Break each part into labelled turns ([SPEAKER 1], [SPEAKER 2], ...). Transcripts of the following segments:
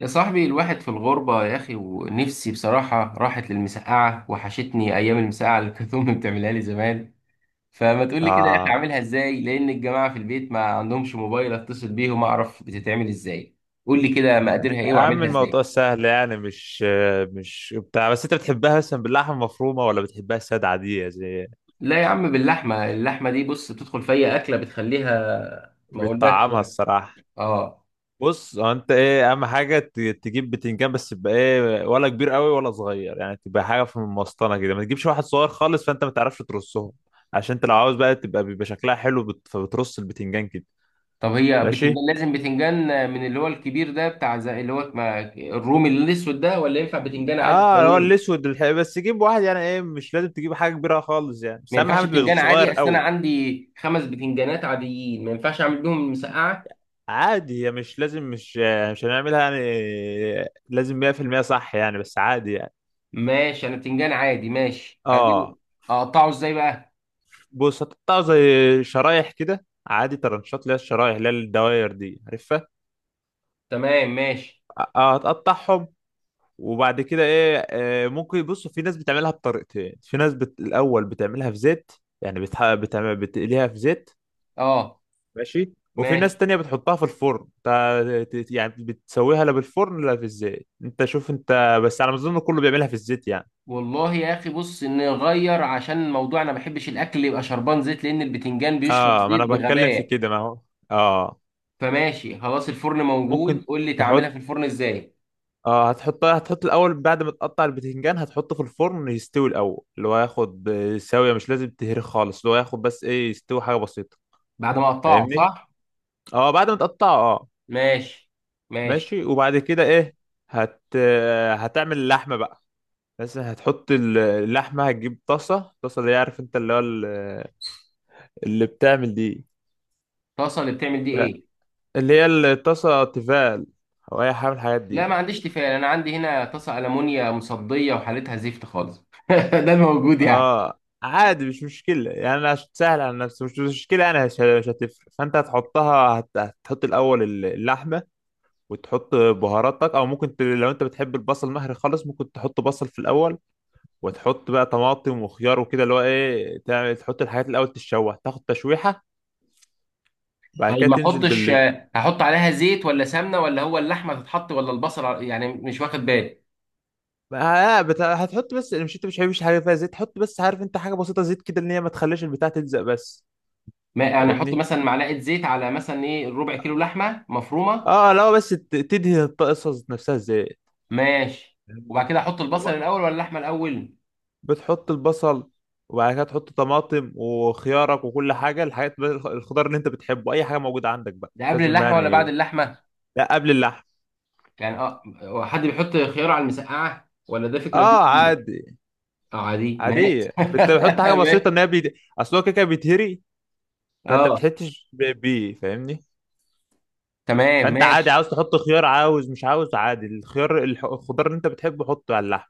[SPEAKER 1] يا صاحبي الواحد في الغربة يا أخي، ونفسي بصراحة راحت للمسقعة، وحشتني أيام المسقعة اللي كانت أمي بتعملها لي زمان. فما تقول لي كده يا أخي
[SPEAKER 2] اه
[SPEAKER 1] أعملها إزاي؟ لأن الجماعة في البيت ما عندهمش موبايل أتصل بيهم أعرف بتتعمل إزاي. قول لي كده مقاديرها إيه
[SPEAKER 2] يا عم
[SPEAKER 1] وأعملها إزاي.
[SPEAKER 2] الموضوع سهل يعني مش بتاع، بس انت بتحبها مثلا باللحمه المفرومه ولا بتحبها ساده عاديه زي
[SPEAKER 1] لا يا عم، باللحمة. اللحمة دي بص بتدخل في أي أكلة بتخليها. ما أقولكش
[SPEAKER 2] بتطعمها
[SPEAKER 1] يعني.
[SPEAKER 2] الصراحه.
[SPEAKER 1] آه.
[SPEAKER 2] بص، هو انت ايه اهم حاجه تجيب بتنجان بس يبقى ايه، ولا كبير قوي ولا صغير، يعني تبقى حاجه في المسطنه كده، ما تجيبش واحد صغير خالص فانت ما تعرفش ترصهم. عشان انت لو عاوز بقى تبقى بيبقى شكلها حلو فبترص البتنجان كده.
[SPEAKER 1] طب هي
[SPEAKER 2] ماشي.
[SPEAKER 1] بتنجان، لازم بتنجان من اللي هو الكبير ده، بتاع زي اللي هو الرومي الأسود ده؟ ولا ينفع بتنجان عادي
[SPEAKER 2] اه، اللي هو
[SPEAKER 1] طويل؟
[SPEAKER 2] الاسود بس جيب واحد، يعني ايه مش لازم تجيب حاجه كبيره خالص يعني،
[SPEAKER 1] ما
[SPEAKER 2] بس اهم
[SPEAKER 1] ينفعش
[SPEAKER 2] حاجه تبقى
[SPEAKER 1] بتنجان
[SPEAKER 2] صغير
[SPEAKER 1] عادي، اصل انا
[SPEAKER 2] قوي.
[SPEAKER 1] عندي 5 بتنجانات عاديين، ما ينفعش اعمل بيهم مسقعه.
[SPEAKER 2] عادي، هي مش لازم مش هنعملها يعني لازم 100% صح يعني، بس عادي يعني.
[SPEAKER 1] ماشي، انا بتنجان عادي ماشي اجيبه.
[SPEAKER 2] اه
[SPEAKER 1] اقطعه ازاي بقى؟
[SPEAKER 2] بص، هتقطع زي شرايح كده عادي، ترنشات اللي هي الشرايح اللي هي الدواير دي، عارفها.
[SPEAKER 1] تمام ماشي.
[SPEAKER 2] اه، هتقطعهم. وبعد كده ايه، ممكن بص، في ناس بتعملها بطريقتين، في ناس الاول بتعملها في زيت، يعني بتقليها في زيت.
[SPEAKER 1] اه
[SPEAKER 2] ماشي. وفي ناس
[SPEAKER 1] ماشي.
[SPEAKER 2] تانية بتحطها في الفرن، انت يعني بتسويها لا بالفرن لا في الزيت، انت شوف انت، بس على ما اظن كله بيعملها في الزيت يعني.
[SPEAKER 1] والله يا اخي بص نغير، عشان الموضوع انا ما بحبش الاكل يبقى شربان زيت، لان البتنجان بيشرب
[SPEAKER 2] اه، ما انا
[SPEAKER 1] زيت
[SPEAKER 2] بتكلم في
[SPEAKER 1] بغباء.
[SPEAKER 2] كده ما هو. اه
[SPEAKER 1] فماشي خلاص، الفرن موجود،
[SPEAKER 2] ممكن
[SPEAKER 1] قول لي تعملها
[SPEAKER 2] تحط
[SPEAKER 1] في الفرن ازاي.
[SPEAKER 2] اه هتحط، الاول بعد ما تقطع البتنجان هتحطه في الفرن يستوي الاول، اللي هو ياخد سويه، مش لازم تهري خالص، اللي هو ياخد بس ايه، يستوي حاجه بسيطه.
[SPEAKER 1] بعد ما اقطعه
[SPEAKER 2] فاهمني؟
[SPEAKER 1] صح؟
[SPEAKER 2] اه بعد ما تقطعه اه.
[SPEAKER 1] ماشي. ماشي.
[SPEAKER 2] ماشي وبعد كده ايه، هت آه، هتعمل اللحمه بقى، بس هتحط اللحمه، هتجيب طاسه، طاسه اللي هي عارف انت اللي هو اللي بتعمل دي.
[SPEAKER 1] طاسه اللي بتعمل دي
[SPEAKER 2] لا،
[SPEAKER 1] ايه؟
[SPEAKER 2] اللي هي الطاسه تيفال او اي حاجه من الحاجات
[SPEAKER 1] لا
[SPEAKER 2] دي.
[SPEAKER 1] ما عنديش تيفال، انا عندي هنا طاسه المونيا مصديه وحالتها زفت خالص ده الموجود يعني.
[SPEAKER 2] اه عادي مش مشكلة يعني، انا عشان سهل على نفسي، مش مشكلة انا، مش هتفرق. فانت هتحطها، هتحط الاول اللحمة، وتحط بهاراتك، او ممكن لو انت بتحب البصل مهري خالص ممكن تحط بصل في الاول، وتحط بقى طماطم وخيار وكده، اللي هو ايه تعمل تحط الحاجات الاول تتشوح، تاخد تشويحة. بعد
[SPEAKER 1] طيب
[SPEAKER 2] كده
[SPEAKER 1] ما
[SPEAKER 2] تنزل
[SPEAKER 1] احطش،
[SPEAKER 2] بال.
[SPEAKER 1] هحط عليها زيت ولا سمنه؟ ولا هو اللحمه تتحط ولا البصل يعني مش واخد بالي.
[SPEAKER 2] هتحط بس، مش انت مش حابب حاجة فيها زيت، حط بس عارف انت حاجة بسيطة زيت كده ان هي ما تخليش البتاع تلزق بس.
[SPEAKER 1] ما انا احط
[SPEAKER 2] فاهمني؟
[SPEAKER 1] مثلا معلقه زيت على مثلا ايه، ربع كيلو لحمه مفرومه.
[SPEAKER 2] اه لو بس تدهن الطاسه نفسها ازاي
[SPEAKER 1] ماشي، وبعد
[SPEAKER 2] يعني.
[SPEAKER 1] كده احط البصل
[SPEAKER 2] و-
[SPEAKER 1] الاول ولا اللحمه الاول؟
[SPEAKER 2] بتحط البصل، وبعد كده تحط طماطم وخيارك وكل حاجه، الخضار اللي انت بتحبه، اي حاجه موجوده عندك بقى
[SPEAKER 1] ده
[SPEAKER 2] مش
[SPEAKER 1] قبل
[SPEAKER 2] لازم
[SPEAKER 1] اللحمه ولا بعد
[SPEAKER 2] يعني.
[SPEAKER 1] اللحمه؟
[SPEAKER 2] لا قبل اللحم.
[SPEAKER 1] يعني اه، هو حد بيحط خيار على المسقعه ولا ده فكره
[SPEAKER 2] اه
[SPEAKER 1] جديده؟
[SPEAKER 2] عادي.
[SPEAKER 1] اه عادي، ما.
[SPEAKER 2] عاديه، بتحط حاجه بسيطه ان هي اصل هو كده كده بيتهري. فانت
[SPEAKER 1] اه
[SPEAKER 2] بتحطش بيه، فاهمني؟
[SPEAKER 1] تمام
[SPEAKER 2] فانت عادي،
[SPEAKER 1] ماشي.
[SPEAKER 2] عاوز تحط خيار عاوز مش عاوز، عادي الخيار، الخضار اللي انت بتحبه حطه على اللحم.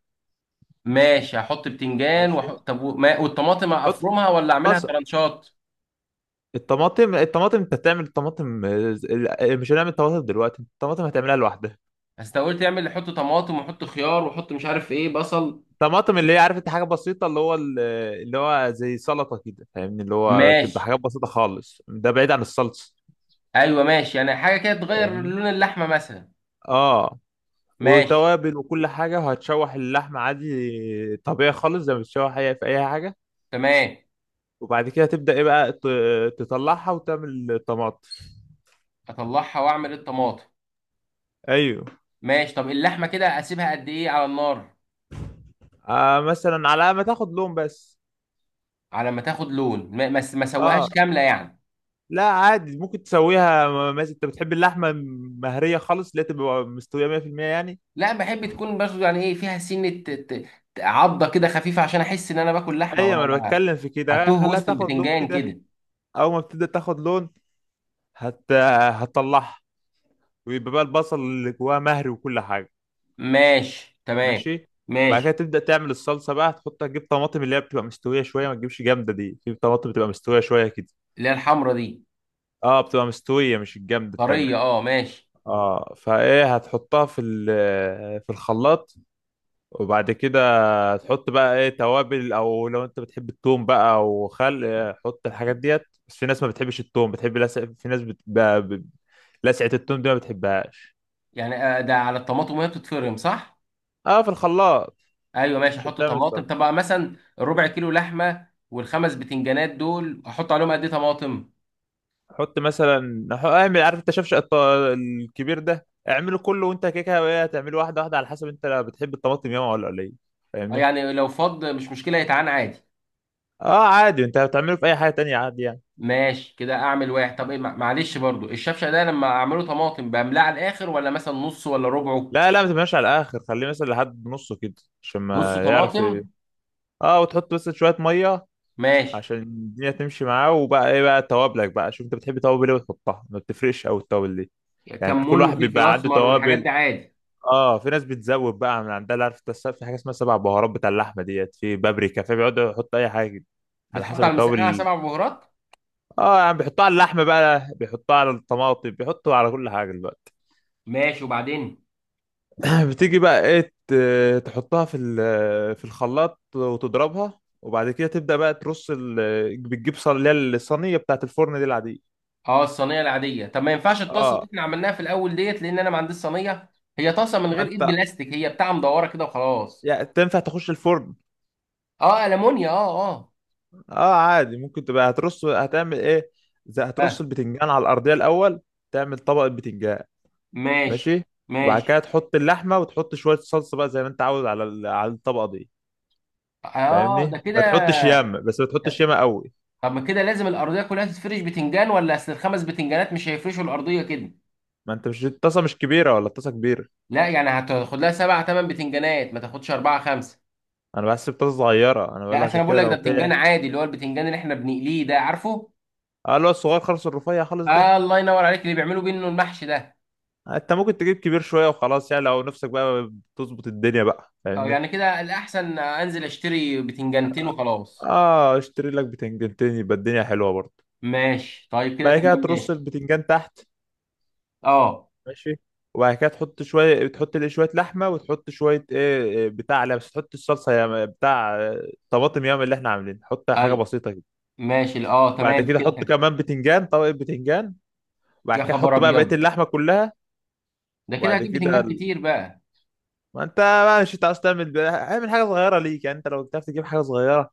[SPEAKER 1] ماشي، هحط بتنجان وح...
[SPEAKER 2] ماشي.
[SPEAKER 1] طب و- ما... والطماطم
[SPEAKER 2] حط
[SPEAKER 1] افرمها ولا اعملها
[SPEAKER 2] بصل.
[SPEAKER 1] ترانشات؟
[SPEAKER 2] الطماطم انت هتعمل الطماطم مش هنعمل طماطم دلوقتي، الطماطم هتعملها لوحدها.
[SPEAKER 1] بس أنت قلت اعمل، حط طماطم وحط خيار وحط مش عارف ايه، بصل.
[SPEAKER 2] طماطم اللي هي عارف انت حاجه بسيطه اللي هو اللي هو زي سلطه كده، فاهمني؟ اللي هو تبقى
[SPEAKER 1] ماشي.
[SPEAKER 2] حاجات بسيطه خالص، ده بعيد عن الصلصه.
[SPEAKER 1] ايوه ماشي، يعني حاجه كده تغير
[SPEAKER 2] فاهمني؟
[SPEAKER 1] لون اللحمه مثلا.
[SPEAKER 2] اه،
[SPEAKER 1] ماشي.
[SPEAKER 2] وتوابل وكل حاجه، وهتشوح اللحمه عادي طبيعي خالص زي ما بتشوح اي في اي حاجه.
[SPEAKER 1] تمام.
[SPEAKER 2] وبعد كده تبدا ايه بقى، تطلعها وتعمل الطماطم.
[SPEAKER 1] اطلعها واعمل الطماطم.
[SPEAKER 2] ايوه.
[SPEAKER 1] ماشي، طب اللحمه كده اسيبها قد ايه على النار؟
[SPEAKER 2] آه مثلا على ما تاخد لون بس.
[SPEAKER 1] على ما تاخد لون، ما سويهاش
[SPEAKER 2] اه.
[SPEAKER 1] كامله يعني.
[SPEAKER 2] لا عادي ممكن تسويها، مثلا انت بتحب اللحمه مهريه خالص اللي هي تبقى مستويه 100% يعني.
[SPEAKER 1] لا بحب تكون برضه، يعني ايه، فيها سنه عضه كده خفيفه، عشان احس ان انا باكل لحمه
[SPEAKER 2] ايوه
[SPEAKER 1] ولا
[SPEAKER 2] ما انا
[SPEAKER 1] لا.
[SPEAKER 2] بتكلم في كده،
[SPEAKER 1] هتوه
[SPEAKER 2] خليها
[SPEAKER 1] وسط
[SPEAKER 2] تاخد لون
[SPEAKER 1] البتنجان
[SPEAKER 2] كده.
[SPEAKER 1] كده.
[SPEAKER 2] اول ما بتبدا تاخد لون هت... هتطلعها، ويبقى بقى البصل اللي جواها مهري وكل حاجه.
[SPEAKER 1] ماشي تمام
[SPEAKER 2] ماشي. بعد كده
[SPEAKER 1] ماشي.
[SPEAKER 2] تبدا تعمل الصلصه بقى، هتحط تجيب طماطم اللي هي بتبقى مستويه شويه، ما تجيبش جامده، دي في طماطم بتبقى مستويه شويه كده.
[SPEAKER 1] اللي هي الحمرا دي؟
[SPEAKER 2] اه بتبقى مستويه مش الجامده التانية.
[SPEAKER 1] طريه، اه ماشي.
[SPEAKER 2] اه فايه هتحطها في في الخلاط، وبعد كده هتحط بقى ايه توابل، او لو انت بتحب التوم بقى وخل حط الحاجات ديت. بس في ناس ما بتحبش التوم، بتحب لسع... في ناس بت... ب... ب... لسعة التوم دي ما بتحبهاش.
[SPEAKER 1] يعني آه، ده على الطماطم وهي بتتفرم صح؟
[SPEAKER 2] اه في الخلاط.
[SPEAKER 1] ايوه ماشي،
[SPEAKER 2] عشان
[SPEAKER 1] احط
[SPEAKER 2] تعمل صح،
[SPEAKER 1] طماطم. طب بقى مثلا الربع كيلو لحمه والخمس بتنجانات دول احط عليهم قد ايه طماطم؟
[SPEAKER 2] حط مثلا اعمل عارف انت شفشق الكبير ده اعمله كله، وانت كده كده هتعمله واحده واحده على حسب انت بتحب الطماطم ياما ولا قليل.
[SPEAKER 1] اه
[SPEAKER 2] فاهمني؟
[SPEAKER 1] يعني لو فض مش مشكله يتعان عادي.
[SPEAKER 2] اه عادي انت هتعمله في اي حاجه تانية عادي يعني.
[SPEAKER 1] ماشي كده اعمل واحد. طب ايه معلش برضو الشفشه ده لما اعمله طماطم بملاه على الاخر ولا مثلا نص ولا ربعه؟
[SPEAKER 2] لا ما تبقاش على الاخر، خليه مثلا لحد نصه كده عشان
[SPEAKER 1] نص
[SPEAKER 2] ما يعرف ايه.
[SPEAKER 1] طماطم.
[SPEAKER 2] اه، وتحط بس شويه ميه
[SPEAKER 1] ماشي.
[SPEAKER 2] عشان الدنيا تمشي معاه. وبقى ايه بقى توابلك بقى، شوف انت بتحب توابل ايه وتحطها، ما بتفرقش قوي التوابل دي يعني، انت كل
[SPEAKER 1] كمون
[SPEAKER 2] واحد
[SPEAKER 1] وفلفل
[SPEAKER 2] بيبقى عنده
[SPEAKER 1] اسمر والحاجات دي
[SPEAKER 2] توابل.
[SPEAKER 1] عادي؟
[SPEAKER 2] اه في ناس بتزود بقى من عندها، اللي عارف انت في حاجه اسمها سبع بهارات بتاع اللحمه ديت، في بابريكا، في بيقعدوا يحطوا اي حاجه. على
[SPEAKER 1] بتحط
[SPEAKER 2] حسب
[SPEAKER 1] على المسقعه
[SPEAKER 2] التوابل.
[SPEAKER 1] سبع بهارات؟
[SPEAKER 2] اه يعني بيحطوها على اللحمه بقى، بيحطوها على الطماطم، بيحطوا على كل حاجه دلوقتي.
[SPEAKER 1] ماشي، وبعدين؟
[SPEAKER 2] بتيجي بقى ايه تحطها في في الخلاط وتضربها، وبعد كده تبدا بقى ترص بتجيب صينيه، اللي هي الصينيه بتاعت الفرن دي العاديه.
[SPEAKER 1] اه الصينيه العاديه. طب ما ينفعش الطاسه اللي
[SPEAKER 2] اه
[SPEAKER 1] احنا عملناها في الاول ديت؟ لان انا ما عنديش صينيه. هي طاسه من
[SPEAKER 2] ما
[SPEAKER 1] غير ايد
[SPEAKER 2] انت
[SPEAKER 1] بلاستيك، هي بتاع مدوره كده وخلاص.
[SPEAKER 2] يعني تنفع تخش الفرن.
[SPEAKER 1] اه المونيا، اه اه.
[SPEAKER 2] اه عادي، ممكن تبقى هترص هتعمل ايه، زي
[SPEAKER 1] اه
[SPEAKER 2] هترص البتنجان على الارضيه الاول، تعمل طبق البتنجان.
[SPEAKER 1] ماشي.
[SPEAKER 2] ماشي. وبعد
[SPEAKER 1] ماشي.
[SPEAKER 2] كده تحط اللحمه وتحط شويه صلصه بقى زي ما انت عاوز على على الطبقه دي.
[SPEAKER 1] اه. ده
[SPEAKER 2] فاهمني؟
[SPEAKER 1] كده.
[SPEAKER 2] ما تحطش ياما، بس ما تحطش ياما قوي.
[SPEAKER 1] طب ما كده لازم الارضيه كلها تتفرش بتنجان؟ ولا اصل الخمس بتنجانات مش هيفرشوا الارضيه كده؟
[SPEAKER 2] ما انت مش الطاسه مش كبيره، ولا الطاسه كبيره؟
[SPEAKER 1] لا يعني هتاخد لها 7 8 بتنجانات، ما تاخدش 4 5.
[SPEAKER 2] انا بحسب طاسه صغيره، انا
[SPEAKER 1] لا
[SPEAKER 2] بقول
[SPEAKER 1] اصل
[SPEAKER 2] عشان
[SPEAKER 1] انا بقول
[SPEAKER 2] كده
[SPEAKER 1] لك، ده
[SPEAKER 2] لو
[SPEAKER 1] بتنجان
[SPEAKER 2] في.
[SPEAKER 1] عادي اللي هو البتنجان اللي احنا بنقليه ده، عارفه؟
[SPEAKER 2] اه اللي هو الصغير خالص، الرفيع خالص ده.
[SPEAKER 1] آه الله ينور عليك، اللي بيعملوا بيه انه المحشي ده.
[SPEAKER 2] انت ممكن تجيب كبير شويه وخلاص يعني، لو نفسك بقى تظبط الدنيا بقى،
[SPEAKER 1] اه
[SPEAKER 2] فاهمني؟
[SPEAKER 1] يعني كده الاحسن انزل اشتري 2 بتنجان وخلاص.
[SPEAKER 2] اه اشتري لك بتنجانتين يبقى الدنيا حلوه برضه.
[SPEAKER 1] ماشي طيب، كده
[SPEAKER 2] بعد كده
[SPEAKER 1] تمام
[SPEAKER 2] ترص
[SPEAKER 1] ماشي.
[SPEAKER 2] البتنجان تحت.
[SPEAKER 1] اه.
[SPEAKER 2] ماشي. وبعد كده تحط شويه، تحط ليه شويه لحمه وتحط شويه ايه إيه بتاع، لا بس تحط الصلصه يا بتاع طماطم ياما اللي احنا عاملين، حط حاجه
[SPEAKER 1] اي
[SPEAKER 2] بسيطه كده.
[SPEAKER 1] ماشي. اه
[SPEAKER 2] وبعد
[SPEAKER 1] تمام
[SPEAKER 2] كده
[SPEAKER 1] كده
[SPEAKER 2] حط
[SPEAKER 1] حلو.
[SPEAKER 2] كمان بتنجان، طبقه بتنجان، وبعد
[SPEAKER 1] يا
[SPEAKER 2] كده
[SPEAKER 1] خبر
[SPEAKER 2] حط بقى بقيه
[SPEAKER 1] ابيض،
[SPEAKER 2] اللحمه كلها.
[SPEAKER 1] ده كده
[SPEAKER 2] وبعد
[SPEAKER 1] هجيب
[SPEAKER 2] كده
[SPEAKER 1] بتنجان كتير بقى.
[SPEAKER 2] ما انت بقى مش هتعرف تعمل اعمل حاجه صغيره ليك يعني، انت لو بتعرف تجيب حاجه صغيره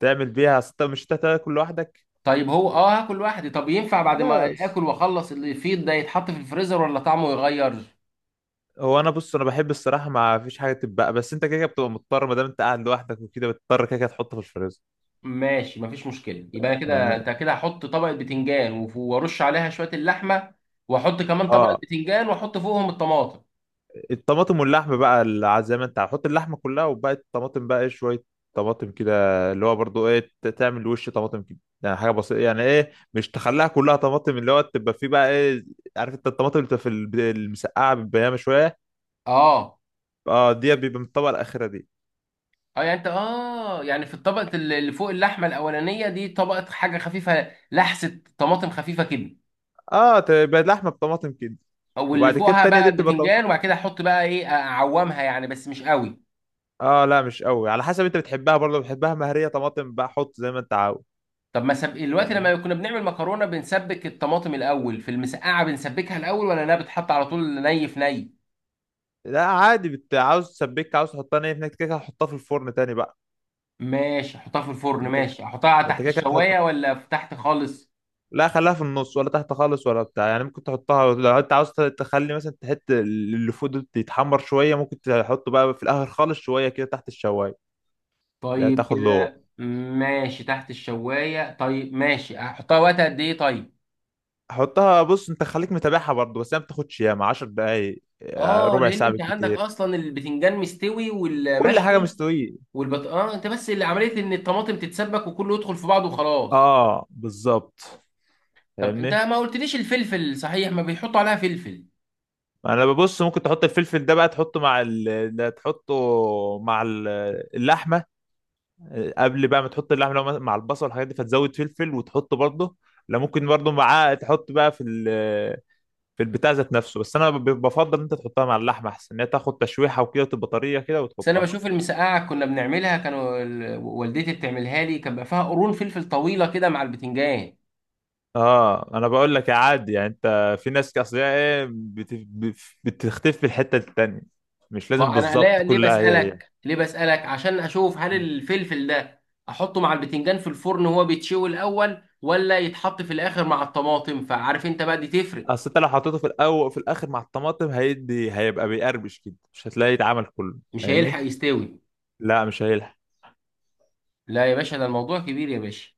[SPEAKER 2] تعمل بيها، أصل انت مش هتاكل لوحدك.
[SPEAKER 1] طيب هو اه، هاكل لوحدي. طب ينفع بعد ما
[SPEAKER 2] خلاص.
[SPEAKER 1] اكل واخلص اللي فيه ده يتحط في الفريزر ولا طعمه يغير؟
[SPEAKER 2] هو انا بص انا بحب الصراحه ما فيش حاجه تتبقى، بس انت كده كده بتبقى مضطر ما دام انت قاعد لوحدك وكده، بتضطر كده كده تحطه في الفريزر.
[SPEAKER 1] ماشي مفيش مشكله. يبقى كده
[SPEAKER 2] يعني.
[SPEAKER 1] انت كده، هحط طبقه بتنجان وارش عليها شويه اللحمه، واحط كمان طبقه
[SPEAKER 2] اه
[SPEAKER 1] بتنجان، واحط فوقهم الطماطم.
[SPEAKER 2] الطماطم واللحم بقى زي ما انت، هحط اللحمه كلها، وبقى الطماطم بقى ايه شويه طماطم كده، اللي هو برضو ايه تعمل وش طماطم كده يعني، حاجه بسيطه يعني ايه، مش تخليها كلها طماطم، اللي هو تبقى فيه بقى ايه، عارف انت الطماطم اللي بتبقى في المسقعه بالبيامه شويه.
[SPEAKER 1] اه.
[SPEAKER 2] اه دي بيبقى من الطبقه الاخيره دي.
[SPEAKER 1] اه يعني انت اه، يعني في الطبقة اللي فوق اللحمة الأولانية دي طبقة حاجة خفيفة، لحسة طماطم خفيفة كده.
[SPEAKER 2] اه تبقى لحمه بطماطم كده.
[SPEAKER 1] او اللي
[SPEAKER 2] وبعد كده
[SPEAKER 1] فوقها
[SPEAKER 2] التانيه
[SPEAKER 1] بقى
[SPEAKER 2] دي بتبقى.
[SPEAKER 1] البتنجان، وبعد كده احط بقى ايه اعومها يعني بس مش قوي.
[SPEAKER 2] اه لا مش قوي، على حسب انت بتحبها برضه، بتحبها مهريه طماطم بقى حط زي ما انت عاوز.
[SPEAKER 1] طب ما سب... دلوقتي
[SPEAKER 2] فاهم؟
[SPEAKER 1] لما كنا بنعمل مكرونة بنسبك الطماطم الأول، في المسقعة بنسبكها الأول ولا انها بتحط على طول ني في ني؟
[SPEAKER 2] لا عادي عاوز تسبك عاوز تحطها نيه، هناك كده كده هتحطها في الفرن تاني بقى.
[SPEAKER 1] ماشي احطها في الفرن.
[SPEAKER 2] انت
[SPEAKER 1] ماشي احطها
[SPEAKER 2] ما انت
[SPEAKER 1] تحت
[SPEAKER 2] كده كده
[SPEAKER 1] الشواية
[SPEAKER 2] هتحط.
[SPEAKER 1] ولا في تحت خالص؟
[SPEAKER 2] لا خليها في النص ولا تحت خالص ولا بتاع يعني، ممكن تحطها لو انت عاوز تخلي مثلا تحط اللي فوق ده يتحمر شويه ممكن تحطه بقى في الاخر خالص شويه كده تحت الشوايه. لا
[SPEAKER 1] طيب
[SPEAKER 2] تاخد له.
[SPEAKER 1] كده ماشي تحت الشواية. طيب ماشي، احطها وقت قد ايه طيب؟
[SPEAKER 2] حطها بص انت خليك متابعها برضه، بس هي ما بتاخدش ياما 10 دقايق
[SPEAKER 1] اه
[SPEAKER 2] ربع
[SPEAKER 1] لان
[SPEAKER 2] ساعه
[SPEAKER 1] انت عندك
[SPEAKER 2] بالكتير.
[SPEAKER 1] اصلا البتنجان مستوي
[SPEAKER 2] كل حاجه
[SPEAKER 1] والمشوي
[SPEAKER 2] مستويه.
[SPEAKER 1] والبط، اه. انت بس اللي عمليه ان الطماطم تتسبك وكله يدخل في بعضه وخلاص.
[SPEAKER 2] اه بالظبط.
[SPEAKER 1] طب انت
[SPEAKER 2] فاهمني؟
[SPEAKER 1] ما قلتليش الفلفل صحيح، ما بيحطوا عليها فلفل؟
[SPEAKER 2] انا ببص ممكن تحط الفلفل ده بقى، تحطه مع ده تحطه مع اللحمه، قبل بقى ما تحط اللحمه لو مع البصل والحاجات دي فتزود فلفل وتحطه برضه. لا ممكن برضه معاه تحط بقى في في البتاع ذات نفسه، بس انا بفضل ان انت تحطها مع اللحمه احسن، ان هي تاخد تشويحه وكده وتبقى طريه كده
[SPEAKER 1] بس انا
[SPEAKER 2] وتحطها.
[SPEAKER 1] بشوف المسقعه كنا بنعملها، كانوا والدتي بتعملها لي، كان بقى فيها قرون فلفل طويله كده مع البتنجان.
[SPEAKER 2] اه انا بقول لك يا عادي يعني، انت في ناس اصل هي ايه بتختفي في الحته التانيه، مش لازم
[SPEAKER 1] ما انا
[SPEAKER 2] بالظبط
[SPEAKER 1] ليه، ليه
[SPEAKER 2] كلها هي
[SPEAKER 1] بسالك ليه بسالك عشان اشوف، هل
[SPEAKER 2] هي
[SPEAKER 1] الفلفل ده احطه مع البتنجان في الفرن وهو بيتشوي الاول، ولا يتحط في الاخر مع الطماطم؟ فعارف انت بقى دي تفرق.
[SPEAKER 2] اصل انت لو حطيته في الاول، في الاخر مع الطماطم هيدي هيبقى بيقرمش كده مش هتلاقي اتعمل كله،
[SPEAKER 1] مش هيلحق
[SPEAKER 2] فاهمني؟
[SPEAKER 1] يستوي؟
[SPEAKER 2] لا مش هيلحق.
[SPEAKER 1] لا يا باشا، ده الموضوع كبير يا باشا.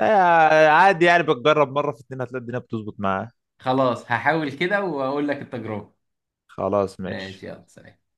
[SPEAKER 2] عادي يعني، بتجرب مره في اتنين هتلاقي الدنيا بتظبط معاه.
[SPEAKER 1] خلاص هحاول كده واقول لك التجربة.
[SPEAKER 2] خلاص
[SPEAKER 1] ماشي،
[SPEAKER 2] ماشي.
[SPEAKER 1] يلا سلام.